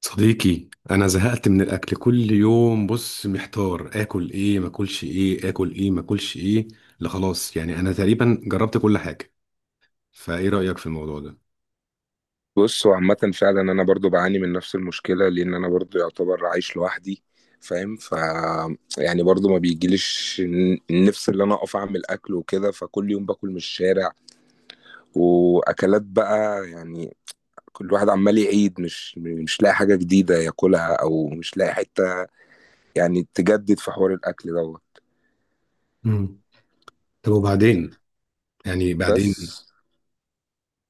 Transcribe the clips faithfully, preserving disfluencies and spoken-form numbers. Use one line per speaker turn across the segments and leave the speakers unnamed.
صديقي، انا زهقت من الاكل كل يوم. بص محتار، اكل ايه ما اكلش ايه اكل ايه ما اكلش ايه. لا خلاص، يعني انا تقريبا جربت كل حاجه. فايه رايك في الموضوع ده؟
بص هو عامة فعلا أنا برضو بعاني من نفس المشكلة لأن أنا برضو يعتبر عايش لوحدي فاهم. ف يعني برضو ما بيجيليش ن- النفس اللي أنا أقف أعمل أكل وكده، فكل يوم باكل من الشارع وأكلات بقى يعني. كل واحد عمال يعيد، مش مش لاقي حاجة جديدة ياكلها أو مش لاقي حتة يعني تجدد في حوار الأكل دوت.
امم. طب وبعدين؟ يعني
بس
بعدين؟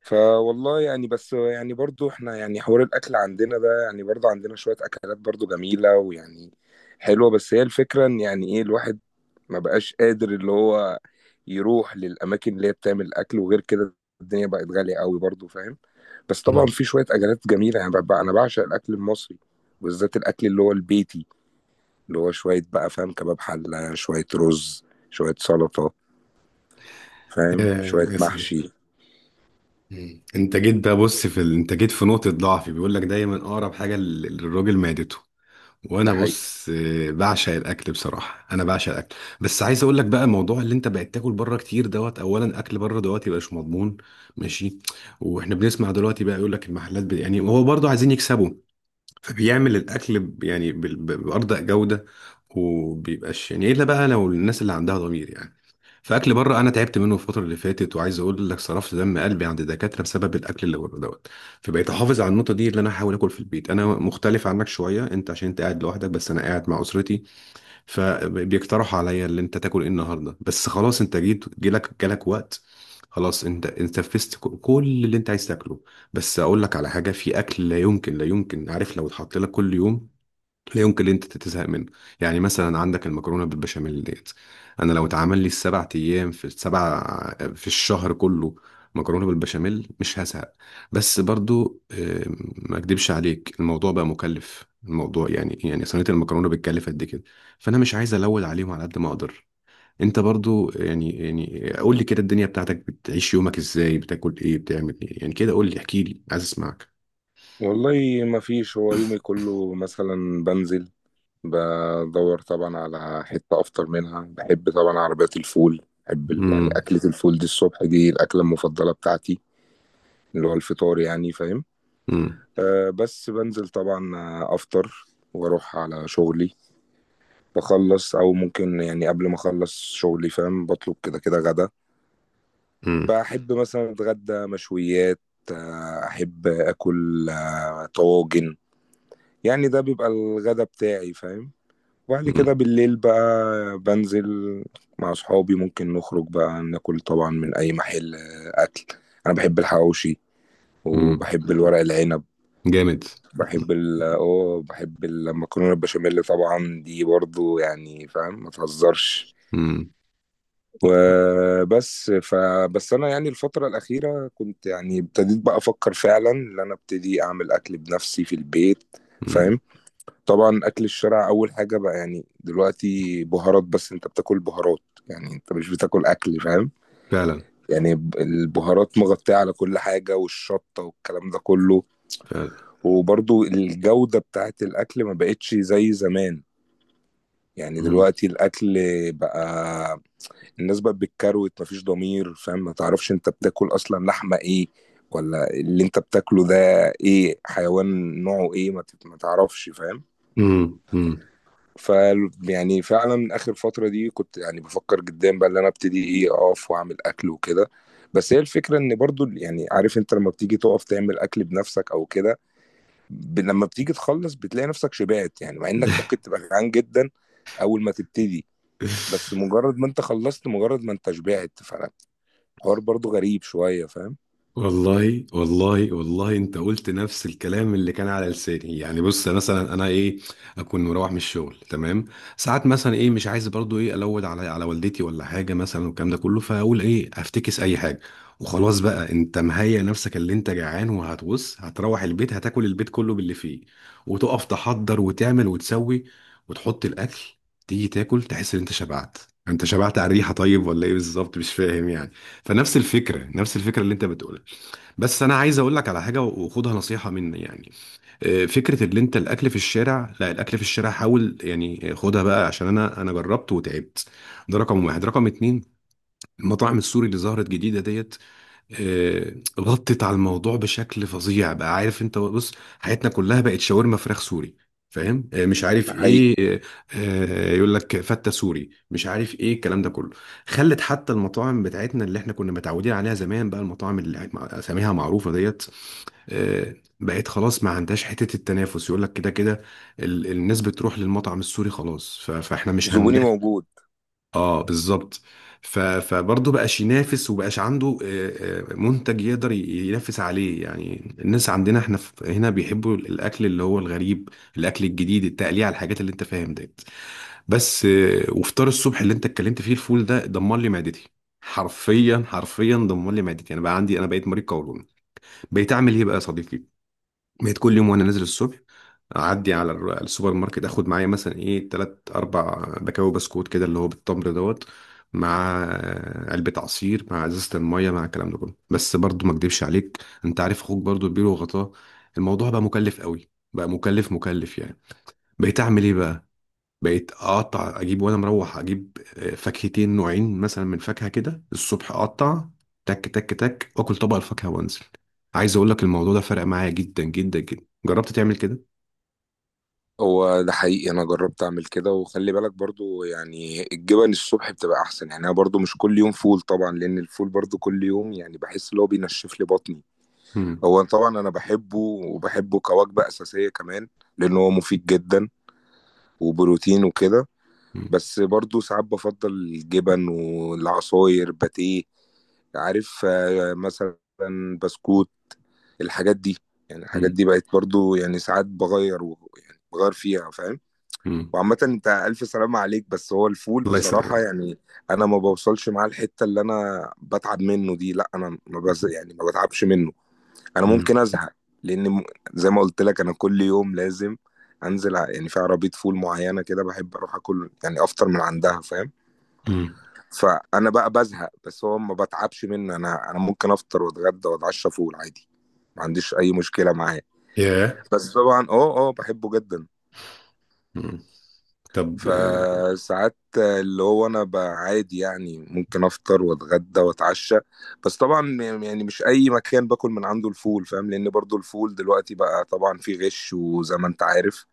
فوالله يعني، بس يعني برضو احنا يعني حوار الاكل عندنا ده يعني برضو عندنا شوية اكلات برضو جميلة ويعني حلوة. بس هي الفكرة ان يعني ايه الواحد ما بقاش قادر اللي هو يروح للاماكن اللي هي بتعمل اكل وغير كده. الدنيا بقت غالية قوي برضو فاهم. بس طبعا
مم.
في شوية اكلات جميلة يعني، ببقى انا بعشق الاكل المصري، وبالذات الاكل اللي هو البيتي، اللي هو شوية بقى فاهم، كباب حلة شوية رز شوية سلطة، فاهم،
آه
شوية
يا صديقي.
محشي.
مم. انت جيت بقى، بص في ال... انت جيت في نقطه ضعفي. بيقول لك دايما اقرب حاجه لل- للراجل معدته. وانا
ده حقيقي.
بص آه، بعشق الاكل، بصراحه انا بعشق الاكل. بس عايز اقول لك بقى موضوع اللي انت بقيت تاكل بره كتير دوت. اولا اكل بره دوت يبقى مش مضمون. ماشي. واحنا بنسمع دلوقتي بقى يقول لك المحلات بي... يعني هو برضه عايزين يكسبوا. فبيعمل الاكل ب- يعني بال- ب- بارضى جوده. وبيبقاش يعني الا بقى لو الناس اللي عندها ضمير يعني. فاكل بره انا تعبت منه الفتره اللي فاتت، وعايز اقول لك صرفت دم قلبي عند دكاتره بسبب الاكل اللي بره دوت. فبقيت احافظ على النقطه دي، اللي انا احاول اكل في البيت. انا مختلف عنك شويه، انت عشان انت قاعد لوحدك بس انا قاعد مع اسرتي. فبيقترحوا عليا اللي انت تاكل ايه النهارده. بس خلاص انت جيت، جالك جالك وقت. خلاص انت انت نفذت ك- كل اللي انت عايز تاكله. بس اقول لك على حاجه، في اكل لا يمكن، لا يمكن، عارف، لو اتحط لك كل يوم، لا يمكن ان انت تزهق منه. يعني مثلا عندك المكرونه بالبشاميل ديت. انا لو اتعمل لي السبع ايام في السبع، في الشهر كله، مكرونه بالبشاميل مش هزهق. بس برضو آه، ما اكدبش عليك، الموضوع بقى مكلف، الموضوع يعني يعني صينيه المكرونه بتكلف قد كده. فانا مش عايز الود عليهم على قد ما اقدر. انت برضو يعني يعني قول لي كده، الدنيا بتاعتك بتعيش يومك ازاي؟ بتاكل ايه؟ بتعمل ايه؟ يعني كده قول لي، احكي لي، عايز اسمعك.
والله ما فيش، هو يومي كله مثلا بنزل بدور طبعا على حتة أفطر منها. بحب طبعا عربيات الفول، بحب ال- يعني
امم.
أكلة الفول دي الصبح، دي الأكلة المفضلة بتاعتي، اللي هو الفطار يعني، فاهم. أه بس بنزل طبعا، آه، أفطر وأروح على شغلي، بخلص، أو ممكن يعني قبل ما أخلص شغلي فاهم بطلب كده كده غدا.
امم.
بحب مثلا أتغدى مشويات، آه، أحب أكل آه، طواجن. يعني ده بيبقى الغدا بتاعي فاهم. وبعد كده بالليل بقى بنزل مع صحابي ممكن نخرج بقى ناكل طبعا من أي محل، آه، أكل. أنا بحب الحواوشي
امم.
وبحب الورق العنب.
جامد.
بحب ال اه بحب المكرونة البشاميل طبعا، دي برضو يعني فاهم ما تهزرش.
مم.
وبس فبس انا يعني الفترة الأخيرة كنت يعني ابتديت بقى أفكر فعلا إن أنا ابتدي أعمل أكل بنفسي في البيت
مم.
فاهم. طبعا اكل الشارع، اول حاجه بقى يعني دلوقتي بهارات. بس انت بتاكل بهارات، يعني انت مش بتاكل اكل فاهم.
فعلا.
يعني ب- البهارات مغطيه على كل حاجه، والشطه والكلام ده كله.
فعلا.
وبرضو الجوده بتاعت الاكل ما بقتش زي زمان. يعني
مم.
دلوقتي الاكل بقى الناس بقت بالكروت، مفيش ضمير فاهم. ما تعرفش انت بتاكل اصلا لحمه ايه، ولا اللي انت بتاكله ده ايه، حيوان نوعه ايه، ما تت- ما تعرفش فاهم.
مم. مم.
ف يعني فعلًا آخر فترة دي كنت يعني بافكّر جديًا بقى إن أنا أبتدي، إيه، أقف وأعمل أكل وكده. بس هي الفكرة إن برضه ال يعني، عارف أنت لمّا بتيجي تُقف تعمل أكل بنَفْسك أو كده، ب لمّا بتيجي تخلّص بتلاقي نَفْسك شبعت، يعني مع إنّك ممكن تبقى جعان جدًا أول ما تبتدي. بس مجرّد ما أنت خلّصت، مجرّد ما أنت شبعت، فالحوار برضه غريب شوية فاهم؟
والله والله والله، انت قلت نفس الكلام اللي كان على لساني. يعني بص مثلا انا ايه، اكون مروح من الشغل، تمام. ساعات مثلا ايه مش عايز برضو ايه الود على على والدتي ولا حاجه مثلا والكلام ده كله، فاقول ايه افتكس اي حاجه. وخلاص بقى انت مهيئ نفسك اللي انت جعان، وهتبص هتروح البيت، هتاكل البيت كله باللي فيه، وتقف تحضر وتعمل وتسوي، وتحط الاكل. تيجي تاكل، تحس ان انت شبعت. انت شبعت على الريحه؟ طيب ولا ايه بالظبط؟ مش فاهم يعني. فنفس الفكره، نفس الفكره اللي انت بتقولها. بس انا عايز اقول لك على حاجه، وخدها نصيحه مني يعني. آه، فكره اللي انت الاكل في الشارع، لا الاكل في الشارع حاول يعني، آه، خدها بقى، عشان انا انا جربت وتعبت. ده رقم واحد، رقم اتنين، المطاعم السوري اللي ظهرت جديدة ديت، آه، غطت على الموضوع بشكل فظيع بقى. عارف انت؟ بص، حياتنا كلها بقت شاورما فراخ سوري. فاهم؟ آه، مش عارف
ده حقيقي.
ايه. آه، آه، يقول لك فتة سوري، مش عارف ايه الكلام ده كله. خلت حتى المطاعم بتاعتنا اللي احنا كنا متعودين عليها زمان، بقى المطاعم اللي مع- اساميها معروفة ديت، آه، بقت خلاص ما عندهاش حتة التنافس، يقول لك كده كده. ال- الناس بتروح للمطعم السوري، خلاص ف- فاحنا مش
زبوني
هننافس.
موجود.
اه بالظبط. ف... فبرضه بقاش ينافس، وبقاش عنده آه، آه، منتج يقدر ي- ينافس عليه. يعني الناس عندنا احنا في... هنا بيحبوا الاكل اللي هو الغريب، الاكل الجديد، التقليع على الحاجات اللي انت فاهم ديت. بس آه، وفطار الصبح اللي انت اتكلمت فيه، الفول ده دمر لي معدتي. حرفيا، حرفيا دمر لي معدتي. انا بقى عندي، انا بقيت مريض قولون. بقيت اعمل ايه بقى يا صديقي؟ بقيت كل يوم وانا نازل الصبح اعدي على الر- السوبر ماركت، اخد معايا مثلا ايه تلات اربع بكاوي بسكوت كده اللي هو بالتمر دوت، مع آه، علبة عصير، مع ازازة المية، مع الكلام ده كله. بس برضو ما اكدبش عليك، انت عارف اخوك برضو كبير وغطاه، الموضوع بقى مكلف قوي، بقى مكلف مكلف يعني. بقيت اعمل ايه بقى؟ بقيت اقطع، اجيب وانا مروح اجيب آه، فاكهتين نوعين مثلا من فاكهه كده الصبح، اقطع تك تك تك واكل طبق الفاكهه وانزل. عايز اقول لك الموضوع ده فرق معايا جدا جدا جدا. جربت تعمل كده.
هو ده حقيقي، انا جربت اعمل كده. وخلي بالك برضو يعني الجبن الصبح بتبقى احسن. يعني انا برضو مش كل يوم فول، طبعا لان الفول برضو كل يوم يعني بحس ان هو بينشف لي بطني.
مم.
هو طبعا انا بحبه وبحبه كوجبة اساسية كمان، لان هو مفيد جدا وبروتين وكده.
مم.
بس برضو ساعات بفضل الجبن والعصاير باتيه، عارف، آه، مثلا بسكوت، الحاجات دي. يعني الحاجات
مم.
دي بقت برضو يعني ساعات بغير و- يعني بغير فيها فاهم.
مم.
وعامة انت ألف سلامة عليك. بس هو الفول
الله
بصراحة
يسلمك.
يعني أنا ما بوصلش معاه الحتة اللي أنا بتعب منه دي، لا أنا ما بز يعني ما بتعبش منه. أنا
مم.
ممكن أزهق لأن، م- زي ما قلت لك أنا كل يوم لازم أنزل، ع- يعني في عربية فول معينة كده بحب أروح أكل، يعني أفطر من عندها فاهم.
مم.
فأنا بقى بزهق بس هو ما بتعبش منه. أنا أنا ممكن أفطر وأتغدى وأتعشى فول عادي، ما عنديش أي مشكلة معاه.
ياه.
بس طبعا أه أه بحبه جدا.
مم. طب، آه.
فساعات اللي هو انا بقى عادي يعني ممكن افطر واتغدى واتعشى. بس طبعا يعني مش اي مكان باكل من عنده الفول فاهم، لان برضو الفول دلوقتي بقى طبعا فيه غش، وزي ما انت عارف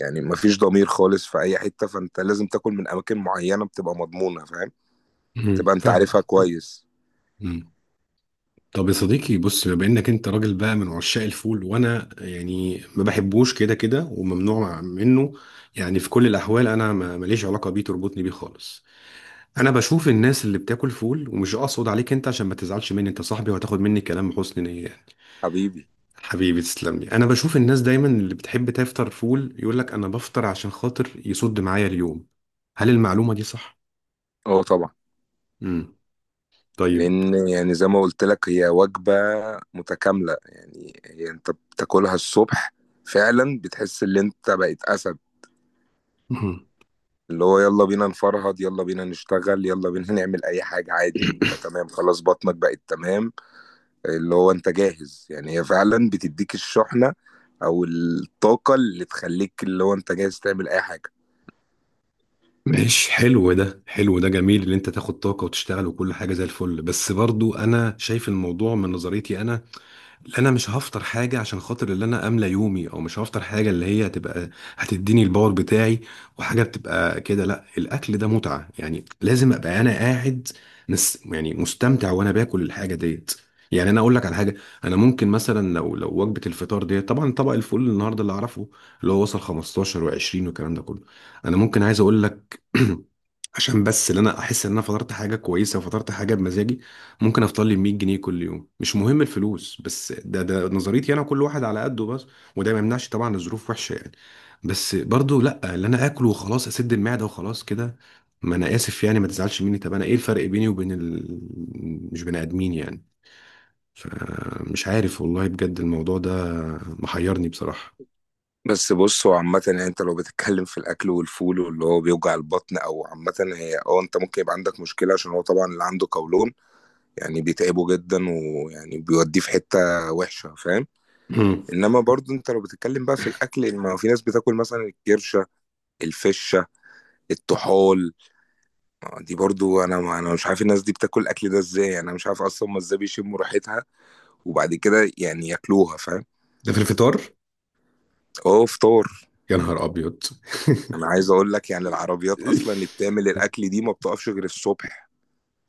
يعني مفيش ضمير خالص في اي حتة. فانت لازم تاكل من اماكن معينة بتبقى مضمونة فاهم،
مم.
تبقى انت
فاهم.
عارفها كويس.
مم. طب يا صديقي، بص بما انك انت راجل بقى من عشاق الفول، وانا يعني ما بحبوش كده كده وممنوع منه. يعني في كل الاحوال، انا ما- ماليش علاقه بيه تربطني بيه خالص. انا بشوف الناس اللي بتاكل فول، ومش اقصد عليك انت عشان ما تزعلش مني، انت صاحبي وهتاخد مني كلام بحسن نيه يعني.
حبيبي.
حبيبي تسلم لي. انا بشوف الناس دايما اللي بتحب تفطر فول يقول لك انا بفطر عشان خاطر يصد معايا اليوم. هل المعلومه دي صح؟
اه طبعا.
امم. طيب.
لان يعني زي ما قلت لك هي وجبة متكاملة. يعني هي انت بتاكلها الصبح فعلا بتحس ان انت بقيت اسد، اللي هو يلا بينا نفرهد، يلا بينا نشتغل، يلا بينا نعمل اي حاجة عادي. انت تمام، خلاص بطنك بقت تمام، اللي هو انت جاهز. يعني هي فعلا بتديك الشحنة او الطاقة اللي تخليك اللي هو انت جاهز تعمل اي حاجة.
ماشي، حلو ده، حلو ده جميل ان انت تاخد طاقة وتشتغل وكل حاجة زي الفل. بس برضو انا شايف الموضوع من نظريتي انا، اللي انا مش هفطر حاجه عشان خاطر اللي انا املى يومي، او مش هفطر حاجه اللي هي هتبقى هتديني الباور بتاعي. وحاجه بتبقى كده، لا الاكل ده متعه يعني، لازم ابقى انا قاعد مس يعني مستمتع وانا باكل الحاجه ديت. يعني انا اقول لك على حاجه، انا ممكن مثلا لو لو وجبه الفطار ديت طبعا، طبق الفول النهارده اللي اعرفه اللي هو وصل خمسة عشر و20 والكلام ده كله. انا ممكن عايز اقول لك عشان بس ان انا احس ان انا فطرت حاجه كويسه، وفطرت حاجه بمزاجي، ممكن افطر لي ميه جنيه كل يوم. مش مهم الفلوس، بس ده ده نظريتي انا، كل واحد على قده بس. وده ما يمنعش طبعا، الظروف وحشه يعني. بس برضو لا، اللي انا اكل وخلاص اسد المعده وخلاص كده. ما انا اسف يعني، ما تزعلش مني. طب انا ايه الفرق بيني وبين ال... مش بني ادمين يعني؟ فمش عارف والله، بجد الموضوع ده محيرني بصراحه.
بس بص، هو عامة يعني انت لو بتتكلم في الاكل والفول واللي هو بيوجع البطن، او عامة هي اه انت ممكن يبقى عندك مشكلة عشان هو طبعا اللي عنده قولون يعني بيتعبه جدا، ويعني بيوديه في حتة وحشة فاهم.
مم.
انما برضو انت لو بتتكلم بقى في الاكل، يعني ما هو في ناس بتاكل مثلا الكرش، الفشة، الطحال، دي برضه أنا، ما أنا مش عارف الناس دي بتاكل الأكل ده إزاي، يعني أنا مش عارف أصلًا هُم إزاي بيشمّوا ريحتها وبعد كده يعني ياكلوها فاهم؟
ده في الفطار؟
آه فطار.
يا نهار ابيض.
أنا عايز أقول لك يعني العربيات أصلًا اللي بتعمل الأكل دي ما بتقفش غير الصبح.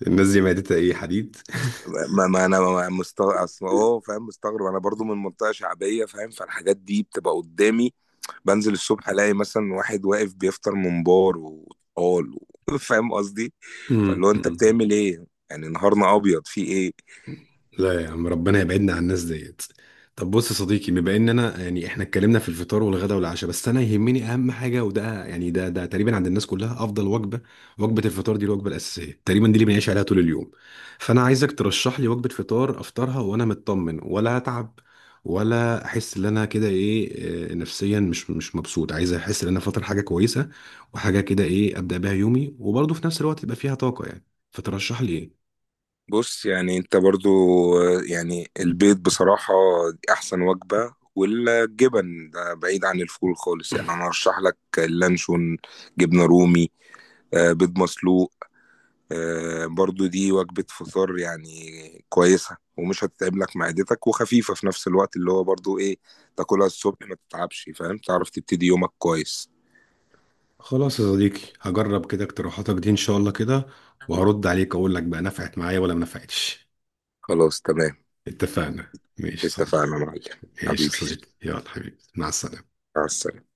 الناس دي معدتها ايه، حديد؟
ما ما أنا ما مست أصل آه فاهم، مستغرب أنا برضه من منطقة شعبية فاهم. فالحاجات دي بتبقى قدّامي، بانزل الصبح ألاقي مثلًا واحد واقف بيفطر ممبار وطحال و فاهم قصدي؟ فاللي
امم.
هو أنت
أمم.
بتعمل إيه؟ يعني نهارنا أبيض في إيه؟
لا يا عم، ربنا يبعدنا عن الناس ديت. طب بص يا صديقي، بما ان انا يعني احنا اتكلمنا في الفطار والغداء والعشاء، بس انا يهمني اهم حاجه، وده يعني ده ده تقريبا عند الناس كلها افضل وجبه. وجبه الفطار دي الوجبه الاساسيه تقريبا، دي اللي بنعيش عليها طول اليوم. فانا عايزك ترشح لي وجبه فطار افطرها وانا مطمن، ولا اتعب، ولا احس ان انا كده ايه، آه، نفسيا مش مش مبسوط. عايز احس ان انا فاطر حاجه كويسه، وحاجه كده ايه ابدا بيها يومي وبرضه في نفس الوقت يبقى فيها طاقه يعني. فترشح لي ايه؟
بص يعني انت برضو، آه، يعني البيض بصراحة دي احسن وجبة. والجبن ده بعيد عن الفول خالص. يعني انا ارشح لك اللانشون، جبنة رومي، آه، بيض مسلوق، آه، برضو دي وجبة فطار يعني كويسة، ومش هتتعب لك معدتك، وخفيفة في نفس الوقت اللي هو برضو ايه، تاكلها الصبح ما تتعبش فاهم. تعرف تبتدي يومك كويس.
خلاص يا صديقي، هجرب كده اقتراحاتك دي ان شاء الله كده، وهرد عليك اقول لك بقى نفعت معايا ولا ما نفعتش.
خلاص تمام.
اتفقنا. ماشي يا صديقي.
اتفقنا يا معلم.
ماشي يا
حبيبي
صديقي، يلا حبيبي، مع السلامة.
مع السلامة.